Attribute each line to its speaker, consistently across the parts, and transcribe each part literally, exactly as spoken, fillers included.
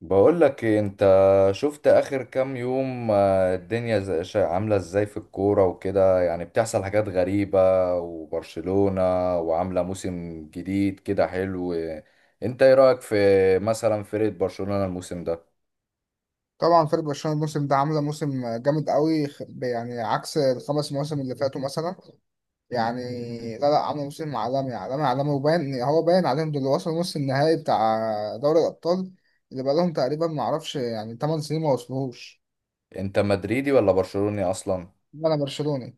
Speaker 1: بقول لك إيه، انت شفت اخر كام يوم. آه، الدنيا ز- شا- عامله ازاي في الكوره وكده؟ يعني بتحصل حاجات غريبه وبرشلونه وعامله موسم جديد كده حلو. انت ايه رايك في مثلا فرقه برشلونه الموسم ده؟
Speaker 2: طبعا فريق برشلونه الموسم ده عامله موسم جامد قوي، خ- يعني عكس الخمس مواسم اللي فاتوا مثلا. يعني لا لا، عامله موسم عالمي عالمي عالمي، وباين، هو باين عليهم دول وصلوا نص النهائي بتاع دوري الابطال، اللي بقالهم تقريبا، ما اعرفش، يعني 8 سنين ما وصلوهوش.
Speaker 1: انت مدريدي ولا برشلوني اصلا؟
Speaker 2: انا برشلوني.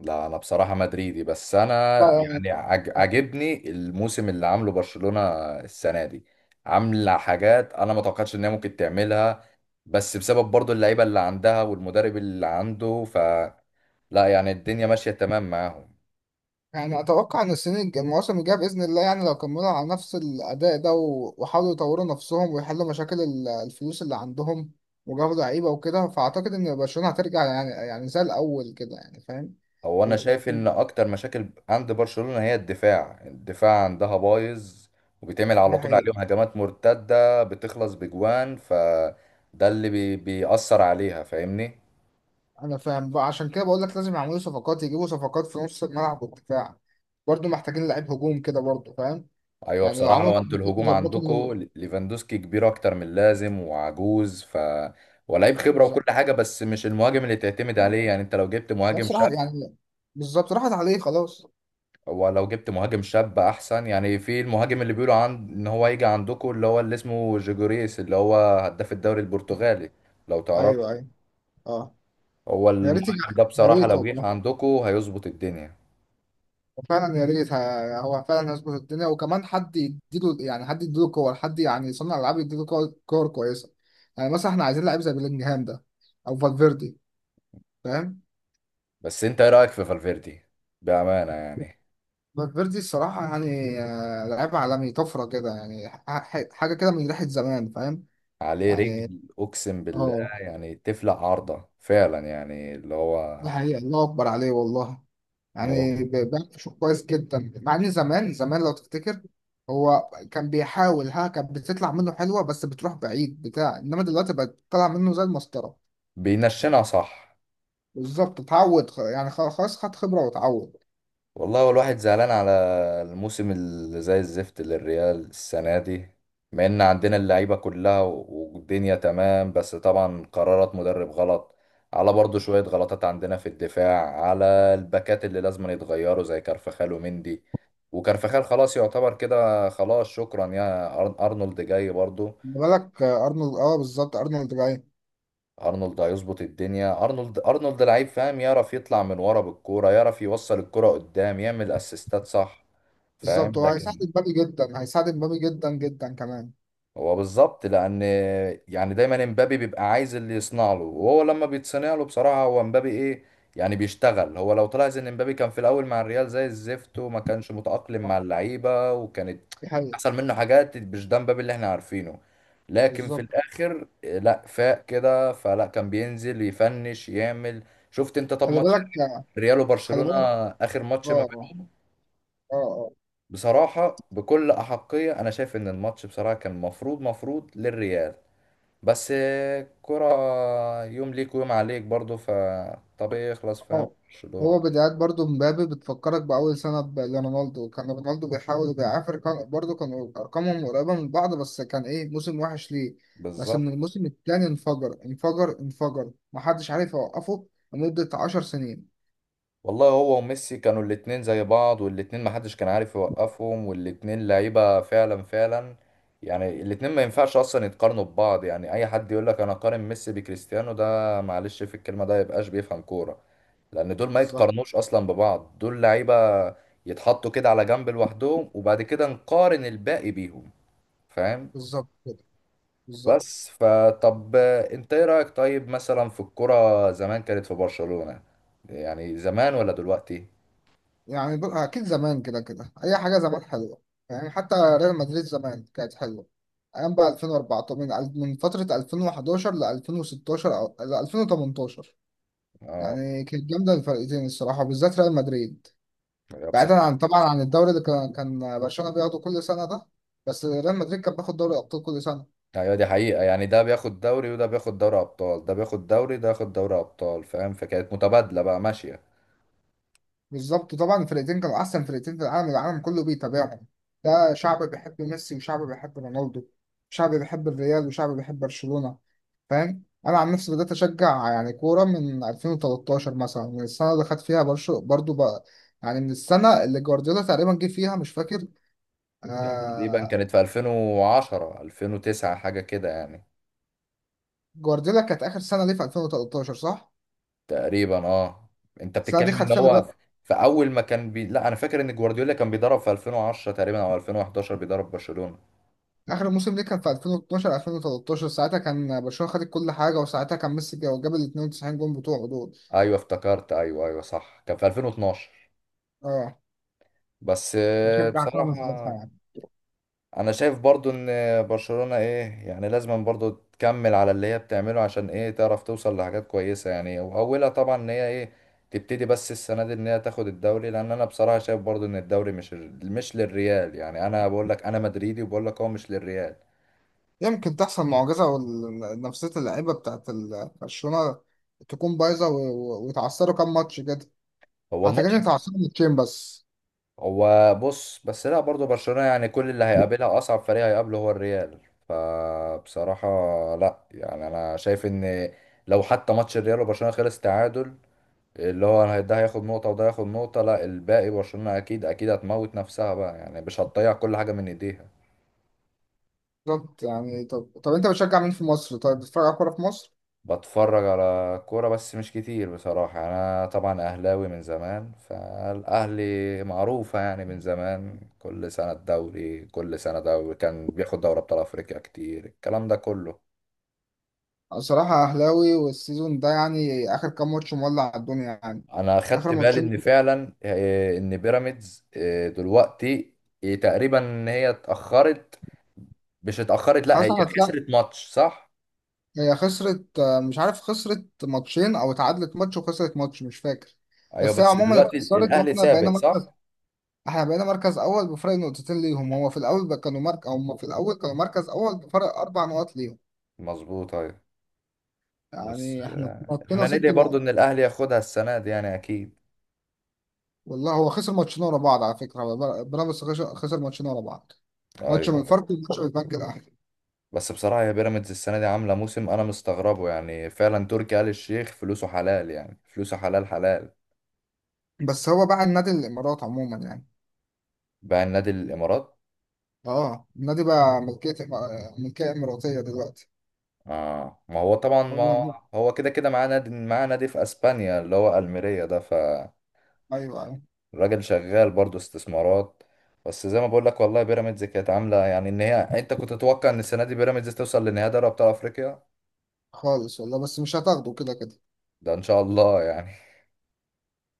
Speaker 1: لا انا بصراحه مدريدي، بس انا
Speaker 2: لا، لا،
Speaker 1: يعني عج- عاجبني الموسم اللي عامله برشلونه السنه دي. عامله حاجات انا ما توقعتش ان هي ممكن تعملها، بس بسبب برضو اللعيبه اللي عندها والمدرب اللي عنده، ف لا يعني الدنيا ماشيه تمام معاهم.
Speaker 2: يعني اتوقع ان السنين الج- المواسم الجايه باذن الله، يعني لو كملوا على نفس الاداء ده و- وحاولوا يطوروا نفسهم ويحلوا مشاكل ال- الفلوس اللي عندهم وجابوا لعيبه وكده، فاعتقد ان برشلونه هترجع يعني يعني زي الاول كده، يعني فاهم.
Speaker 1: هو انا
Speaker 2: وب-
Speaker 1: شايف ان اكتر مشاكل عند برشلونه هي الدفاع الدفاع عندها بايظ، وبيتعمل
Speaker 2: دي
Speaker 1: على طول
Speaker 2: حقيقه.
Speaker 1: عليهم هجمات مرتده بتخلص بجوان، ف ده اللي بي... بيأثر عليها، فاهمني؟
Speaker 2: انا فاهم بقى، عشان كده بقول لك لازم يعملوا صفقات، يجيبوا صفقات في نص الملعب والدفاع، برضه محتاجين لعيب هجوم كده، برضه فاهم.
Speaker 1: ايوه
Speaker 2: يعني لو
Speaker 1: بصراحه،
Speaker 2: عملوا
Speaker 1: هو انتوا
Speaker 2: صفقات
Speaker 1: الهجوم
Speaker 2: يظبطوا الموضوع.
Speaker 1: عندكم ليفاندوسكي كبير اكتر من اللازم وعجوز، ف ولاعيب خبره وكل
Speaker 2: بالظبط.
Speaker 1: حاجه، بس مش المهاجم اللي تعتمد عليه. يعني انت لو جبت مهاجم شاب،
Speaker 2: بصراحه يعني بالظبط راحت عليه خلاص.
Speaker 1: ولو جبت مهاجم شاب احسن. يعني في المهاجم اللي بيقولوا عن ان هو يجي عندكم، اللي هو اللي اسمه جيجوريس، اللي هو هداف الدوري البرتغالي، لو تعرف.
Speaker 2: ايوه ايوه. اه.
Speaker 1: هو
Speaker 2: يا ريت يجي-
Speaker 1: المهاجم ده
Speaker 2: يا
Speaker 1: بصراحه
Speaker 2: ريت
Speaker 1: لو جه
Speaker 2: والله.
Speaker 1: عندكم هيظبط الدنيا.
Speaker 2: فعلا يا ريت، ه- هو فعلا هيظبط الدنيا، وكمان حد يديله، يعني حد يديله كور، حد يعني صنع العاب يديله كور كور كويسه. يعني مثلا احنا عايزين لعيب زي بيلينجهام ده، او فالفيردي. فاهم.
Speaker 1: بس انت ايه رايك في فالفيردي، بامانه يعني؟
Speaker 2: فالفيردي الصراحه يعني آه، لعيب عالمي، طفره كده، يعني ح- ح- حاجه كده من ريحه زمان. فاهم
Speaker 1: عليه
Speaker 2: يعني.
Speaker 1: رجل، اقسم بالله.
Speaker 2: اه.
Speaker 1: يعني تفلق عارضة فعلا، يعني اللي هو
Speaker 2: دي حقيقة، الله أكبر عليه والله.
Speaker 1: هو
Speaker 2: يعني ب- بيعمل شغل كويس جدا، مع إن زمان زمان لو تفتكر، هو كان بيحاول، ها كانت بتطلع منه حلوة بس بتروح بعيد بتاع، إنما دلوقتي بقت طالعة منه زي المسطرة.
Speaker 1: بينشنها صح.
Speaker 2: بالظبط اتعود، خ- يعني خ- خلاص، خد خبرة واتعود.
Speaker 1: والله هو الواحد زعلان على الموسم اللي زي الزفت للريال السنة دي، مع ان عندنا اللعيبة كلها و- والدنيا تمام، بس طبعا قرارات مدرب غلط، على برضو شوية غلطات عندنا في الدفاع، على الباكات اللي لازم يتغيروا زي كارفخال ومندي. وكارفخال خلاص يعتبر كده، خلاص شكرا يا أر- أرنولد جاي برضو.
Speaker 2: خلي بالك آه، أرنولد، أه بالظبط أرنولد جاي.
Speaker 1: ارنولد هيظبط الدنيا. ارنولد ارنولد لعيب، فاهم؟ يعرف يطلع من ورا بالكوره، يعرف يوصل الكوره قدام، يعمل اسيستات صح،
Speaker 2: بالظبط،
Speaker 1: فاهم؟
Speaker 2: هو هيساعد
Speaker 1: لكن
Speaker 2: مبابي جدا، هيساعد مبابي جدا جدا كمان.
Speaker 1: هو بالظبط، لان يعني دايما امبابي بيبقى عايز اللي يصنع له، وهو لما بيتصنع له بصراحه هو امبابي ايه، يعني بيشتغل. هو لو طلع زي ان امبابي كان في الاول مع الريال زي الزفت وما كانش متاقلم
Speaker 2: آه،
Speaker 1: مع اللعيبه، وكانت
Speaker 2: دي حقيقة.
Speaker 1: حصل منه حاجات مش ده امبابي اللي احنا عارفينه، لكن في
Speaker 2: بالظبط.
Speaker 1: الاخر لا فاق كده، فلا كان بينزل يفنش يعمل. شفت انت طب
Speaker 2: خلي
Speaker 1: ماتش
Speaker 2: بالك.
Speaker 1: ريال
Speaker 2: خلي
Speaker 1: وبرشلونه،
Speaker 2: بالك.
Speaker 1: اخر ماتش ما
Speaker 2: اه
Speaker 1: بين-
Speaker 2: اه اه.
Speaker 1: بصراحه بكل احقيه انا شايف ان الماتش بصراحه كان مفروض مفروض للريال. بس كرة، يوم ليك ويوم عليك برضو، فطبيعي يخلص، فاهم،
Speaker 2: هو
Speaker 1: برشلونة
Speaker 2: هو بدايات برضو مبابي، بتفكرك بأول سنة ب- لرونالدو. كان رونالدو بيحاول وبيعافر، كان برضو، كان أرقامهم قريبة من بعض، بس كان إيه، موسم وحش ليه. بس من
Speaker 1: بالظبط.
Speaker 2: الموسم التاني انفجر انفجر انفجر، محدش عارف يوقفه لمدة عشر سنين.
Speaker 1: والله هو وميسي كانوا الاتنين زي بعض، والاتنين محدش كان عارف يوقفهم، والاتنين لعيبة فعلا فعلا. يعني الاتنين ما ينفعش اصلا يتقارنوا ببعض. يعني اي حد يقول لك انا قارن ميسي بكريستيانو، ده معلش في الكلمة ده يبقاش بيفهم كورة، لان دول ما
Speaker 2: بالظبط.
Speaker 1: يتقارنوش اصلا ببعض. دول لعيبة يتحطوا كده على جنب لوحدهم، وبعد كده نقارن الباقي بيهم، فاهم؟
Speaker 2: بالظبط كده. بالظبط.
Speaker 1: بس فطب انت ايه رأيك طيب مثلا في الكرة زمان، كانت في برشلونة يعني زمان ولا دلوقتي؟
Speaker 2: يعني دول أكيد زمان، كده كده أي حاجة زمان حلوة. يعني حتى ريال مدريد زمان كانت حلوة. أيام بقى ألفين وأربعة عشر، من من فترة ألفين وحداشر ل ألفين وستاشر أو ل ألفين وتمنتاشر.
Speaker 1: اه،
Speaker 2: يعني كانت جامده الفرقتين الصراحه، وبالذات ريال مدريد.
Speaker 1: يا
Speaker 2: بعيدا
Speaker 1: بصراحة
Speaker 2: عن، طبعا، عن الدوري اللي كان كان برشلونه بياخده كل سنه ده. بس ريال مدريد كان بياخد دوري ابطال كل سنه.
Speaker 1: ايوه دي حقيقة. يعني ده بياخد دوري وده بياخد دوري ابطال، ده بياخد دوري ده ياخد دوري ابطال، فاهم؟ فكانت متبادلة بقى ماشية.
Speaker 2: بالظبط، طبعا الفرقتين كانوا احسن فرقتين في العالم، العالم كله بيتابعهم. ده شعب بيحب ميسي وشعب بيحب رونالدو، شعب بيحب الريال وشعب بيحب برشلونه. فاهم. انا عن نفسي بدات اشجع يعني كوره من ألفين وتلتاشر مثلا، من السنه اللي خد فيها برشو برضو بقى، يعني من السنه اللي جوارديولا تقريبا جه فيها، مش فاكر.
Speaker 1: تقريبا
Speaker 2: آه،
Speaker 1: كانت في ألفين وعشرة، ألفين وتسعة، حاجة كده يعني.
Speaker 2: جوارديولا كانت اخر سنه ليه في ألفين وتلتاشر، صح؟
Speaker 1: تقريبا اه. انت
Speaker 2: السنه
Speaker 1: بتتكلم
Speaker 2: دي خد
Speaker 1: ان
Speaker 2: فيها
Speaker 1: هو في
Speaker 2: بقى.
Speaker 1: في اول ما كان بي... لا انا فاكر ان جوارديولا كان بيدرب في ألفين وعشرة تقريبا او ألفين وحداشر بيدرب برشلونة.
Speaker 2: اخر موسم ليه كان في ألفين واثني عشر ألفين وتلتاشر، ساعتها كان برشلونه خدت كل حاجه، وساعتها كان ميسي جا- جاب ال اتنين وتسعين جون بتوعه دول.
Speaker 1: ايوه افتكرت، ايوه ايوه صح، كان في ألفين واتناشر.
Speaker 2: اه.
Speaker 1: بس آه،
Speaker 2: بشجع كرة من
Speaker 1: بصراحة
Speaker 2: ساعتها يعني.
Speaker 1: انا شايف برضو ان برشلونة ايه يعني لازم برضو تكمل على اللي هي بتعمله، عشان ايه تعرف توصل لحاجات كويسة. يعني واولها طبعا ان هي ايه تبتدي بس السنة دي ان هي تاخد الدوري، لان انا بصراحة شايف برضو ان الدوري مش مش للريال. يعني انا بقول لك انا مدريدي وبقول لك هو مش للريال.
Speaker 2: يمكن تحصل معجزه، ونفسيه اللعيبه بتاعت ال- برشلونه تكون بايظه، و- و- ويتعثروا كام ماتش كده.
Speaker 1: هو
Speaker 2: اعتقد
Speaker 1: الماتش،
Speaker 2: ان اتعثروا ماتشين بس.
Speaker 1: هو بص بس لا برضه برشلونة يعني كل اللي هيقابلها أصعب فريق هيقابله هو الريال، فبصراحة لا يعني أنا شايف إن لو حتى ماتش الريال وبرشلونة خلص تعادل، اللي هو أنا ده هياخد نقطة وده هياخد نقطة، لا الباقي برشلونة أكيد أكيد هتموت نفسها بقى، يعني مش هتضيع كل حاجة من إيديها.
Speaker 2: بالظبط. يعني، طب طب انت بتشجع مين في مصر؟ طيب بتتفرج على كوره في مصر؟
Speaker 1: بتفرج على كورة بس مش كتير بصراحة. يعني أنا طبعا أهلاوي من زمان، فالأهلي معروفة يعني من زمان، كل سنة الدوري، كل سنة دوري، كان بياخد دوري أبطال أفريقيا كتير، الكلام ده كله.
Speaker 2: صراحة أهلاوي، والسيزون ده يعني آخر كام ماتش مولع الدنيا يعني.
Speaker 1: أنا خدت
Speaker 2: آخر
Speaker 1: بالي
Speaker 2: ماتشين.
Speaker 1: إن فعلا آه، إن بيراميدز آه، دلوقتي آه، تقريبا هي اتأخرت. مش اتأخرت، لأ
Speaker 2: خلاص
Speaker 1: هي
Speaker 2: هتلاقي.
Speaker 1: خسرت ماتش صح؟
Speaker 2: هي خسرت آه، مش عارف، خسرت ماتشين أو اتعادلت ماتش وخسرت ماتش، مش فاكر.
Speaker 1: أيوه،
Speaker 2: بس هي
Speaker 1: بس
Speaker 2: عموما
Speaker 1: دلوقتي
Speaker 2: اتخسرت،
Speaker 1: الأهلي
Speaker 2: واحنا
Speaker 1: سابق
Speaker 2: بقينا مركز،
Speaker 1: صح؟
Speaker 2: احنا بقينا مركز أول بفرق نقطتين ليهم. هو في الأول بقى كانوا مركز، هم في الأول كانوا مركز أول بفرق أربع نقط ليهم.
Speaker 1: مظبوط أيوه. بس
Speaker 2: يعني احنا
Speaker 1: آه،
Speaker 2: نطينا
Speaker 1: احنا
Speaker 2: ست
Speaker 1: ندعي برضو
Speaker 2: نقط
Speaker 1: ان الاهلي ياخدها السنه دي يعني، اكيد.
Speaker 2: والله هو خسر ماتشين ورا بعض على فكرة، بيراميدز خسر خسر ماتشين ورا بعض.
Speaker 1: ايوه
Speaker 2: ماتش من
Speaker 1: أيوه.
Speaker 2: الفرق وماتش من البنك الأهلي.
Speaker 1: بس بصراحه يا بيراميدز السنه دي عامله موسم انا مستغربه، يعني فعلا تركي آل الشيخ فلوسه حلال، يعني فلوسه حلال حلال.
Speaker 2: بس هو بقى النادي الامارات عموما يعني.
Speaker 1: باع النادي الامارات.
Speaker 2: اه النادي بقى ملكيه، ملكيه اماراتيه دلوقتي.
Speaker 1: اه، ما هو طبعا،
Speaker 2: والله.
Speaker 1: ما هو كده كده معاه نادي، معاه نادي في اسبانيا اللي هو الميريا ده، فالراجل
Speaker 2: ايوه ايوه.
Speaker 1: شغال برضه استثمارات. بس زي ما بقول لك والله بيراميدز كانت عامله يعني، ان هي انت كنت تتوقع ان السنه دي بيراميدز توصل لنهائي دوري ابطال افريقيا.
Speaker 2: خالص والله، بس مش هتاخده كده كده،
Speaker 1: ده ان شاء الله يعني.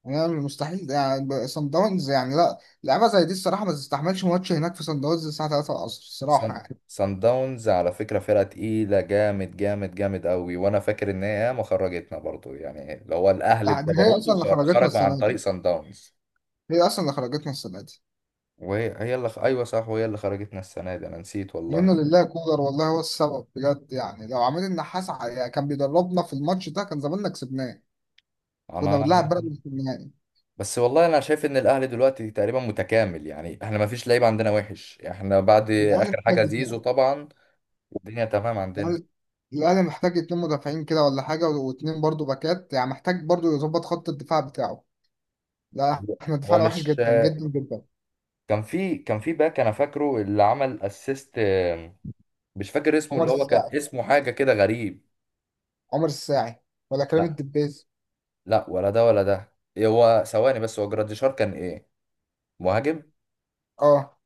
Speaker 2: يعني مستحيل، يعني صن داونز، يعني لا. لعبه زي دي الصراحه ما تستحملش، ماتش هناك في صن داونز الساعه ثلاثة العصر الصراحه
Speaker 1: سان
Speaker 2: يعني.
Speaker 1: سان داونز على فكرة فرقة تقيلة، جامد جامد جامد قوي، وانا فاكر ان هي ما خرجتنا برضو، يعني اللي هو الاهلي
Speaker 2: لا، دي هي
Speaker 1: بجبروته
Speaker 2: اصلا اللي
Speaker 1: خر-
Speaker 2: خرجتنا
Speaker 1: خرج عن
Speaker 2: السنه
Speaker 1: طريق
Speaker 2: دي،
Speaker 1: سان داونز.
Speaker 2: هي اصلا اللي خرجتنا السنه دي.
Speaker 1: وهي هي اللي خ- ايوه صح، وهي اللي خرجتنا السنة دي، انا نسيت والله.
Speaker 2: ومنه لله كولر والله هو السبب بجد، يعني لو عماد النحاس ع- يعني كان بيدربنا في الماتش ده، كان زماننا كسبناه،
Speaker 1: انا
Speaker 2: كنا بنلعب بيراميدز في النهائي.
Speaker 1: بس والله انا شايف ان الاهلي دلوقتي تقريبا متكامل، يعني احنا ما فيش لعيب عندنا وحش. احنا بعد
Speaker 2: الاهلي
Speaker 1: اخر حاجة زيزو
Speaker 2: كسبنا.
Speaker 1: طبعا الدنيا تمام عندنا.
Speaker 2: الأهلي، الأهلي محتاج اتنين مدافعين كده ولا حاجة، واتنين برضو باكات، يعني محتاج برضو يظبط خط الدفاع بتاعه. لا، احنا
Speaker 1: هو
Speaker 2: دفاعنا وحش
Speaker 1: مش
Speaker 2: جدا جدا جدا.
Speaker 1: كان في، كان في باك انا فاكره اللي عمل اسيست، مش فاكر اسمه،
Speaker 2: عمر
Speaker 1: اللي هو كان
Speaker 2: الساعي،
Speaker 1: اسمه حاجة كده غريب.
Speaker 2: عمر الساعي، ولا كريم
Speaker 1: لا
Speaker 2: الدبيس؟
Speaker 1: لا، ولا ده ولا ده. إيه هو؟ ثواني بس، هو جراديشار كان ايه، مهاجم؟
Speaker 2: اه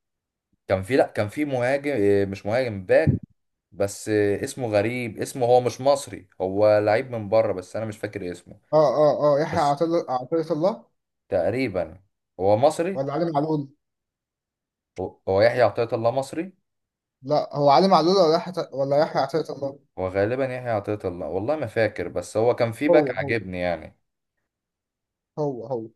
Speaker 1: كان في، لا كان في مهاجم، إيه مش مهاجم، باك، بس إيه اسمه غريب اسمه، هو مش مصري هو لعيب من بره، بس انا مش فاكر اسمه.
Speaker 2: اه اه اه. يحيى
Speaker 1: بس
Speaker 2: عطية عطية الله،
Speaker 1: تقريبا هو مصري،
Speaker 2: ولا علي معلول؟
Speaker 1: هو هو يحيى عطية الله، مصري.
Speaker 2: لا، هو علي معلول ولا يحيى، ولا يحيى عطية الله.
Speaker 1: هو غالبا يحيى عطية الله، والله ما فاكر، بس هو كان في باك
Speaker 2: هو هو.
Speaker 1: عاجبني يعني.
Speaker 2: هو هو.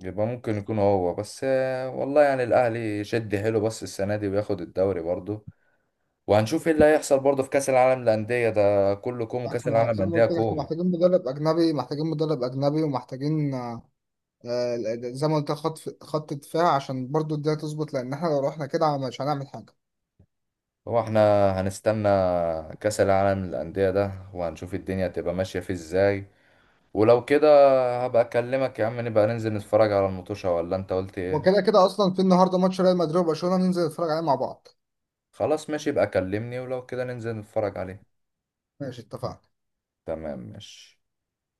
Speaker 1: يبقى ممكن يكون هو، بس آه، والله يعني الأهلي يشد حيله بس السنة دي وياخد الدوري برضه. وهنشوف ايه اللي هيحصل برضه في كأس العالم للأندية ده، كله كوم وكأس العالم
Speaker 2: احنا زي ما
Speaker 1: للأندية
Speaker 2: قلت لك، احنا
Speaker 1: كوم.
Speaker 2: محتاجين مدرب أجنبي، محتاجين مدرب أجنبي ومحتاجين آه، زي ما قلت، خط خط دفاع عشان برضو الدنيا تظبط، لان احنا لو رحنا كده مش هنعمل حاجه.
Speaker 1: هو احنا هنستنى كأس العالم للأندية ده وهنشوف الدنيا هتبقى ماشية فيه ازاي، ولو كده هبقى اكلمك يا عم، نبقى ننزل نتفرج على المطوشة، ولا انت قلت ايه؟
Speaker 2: وكده كده اصلا في النهارده ماتش ريال مدريد وبرشلونه، ننزل نتفرج عليه مع بعض.
Speaker 1: خلاص ماشي، يبقى كلمني ولو كده ننزل نتفرج عليه.
Speaker 2: ماشي، اتفقنا.
Speaker 1: تمام ماشي.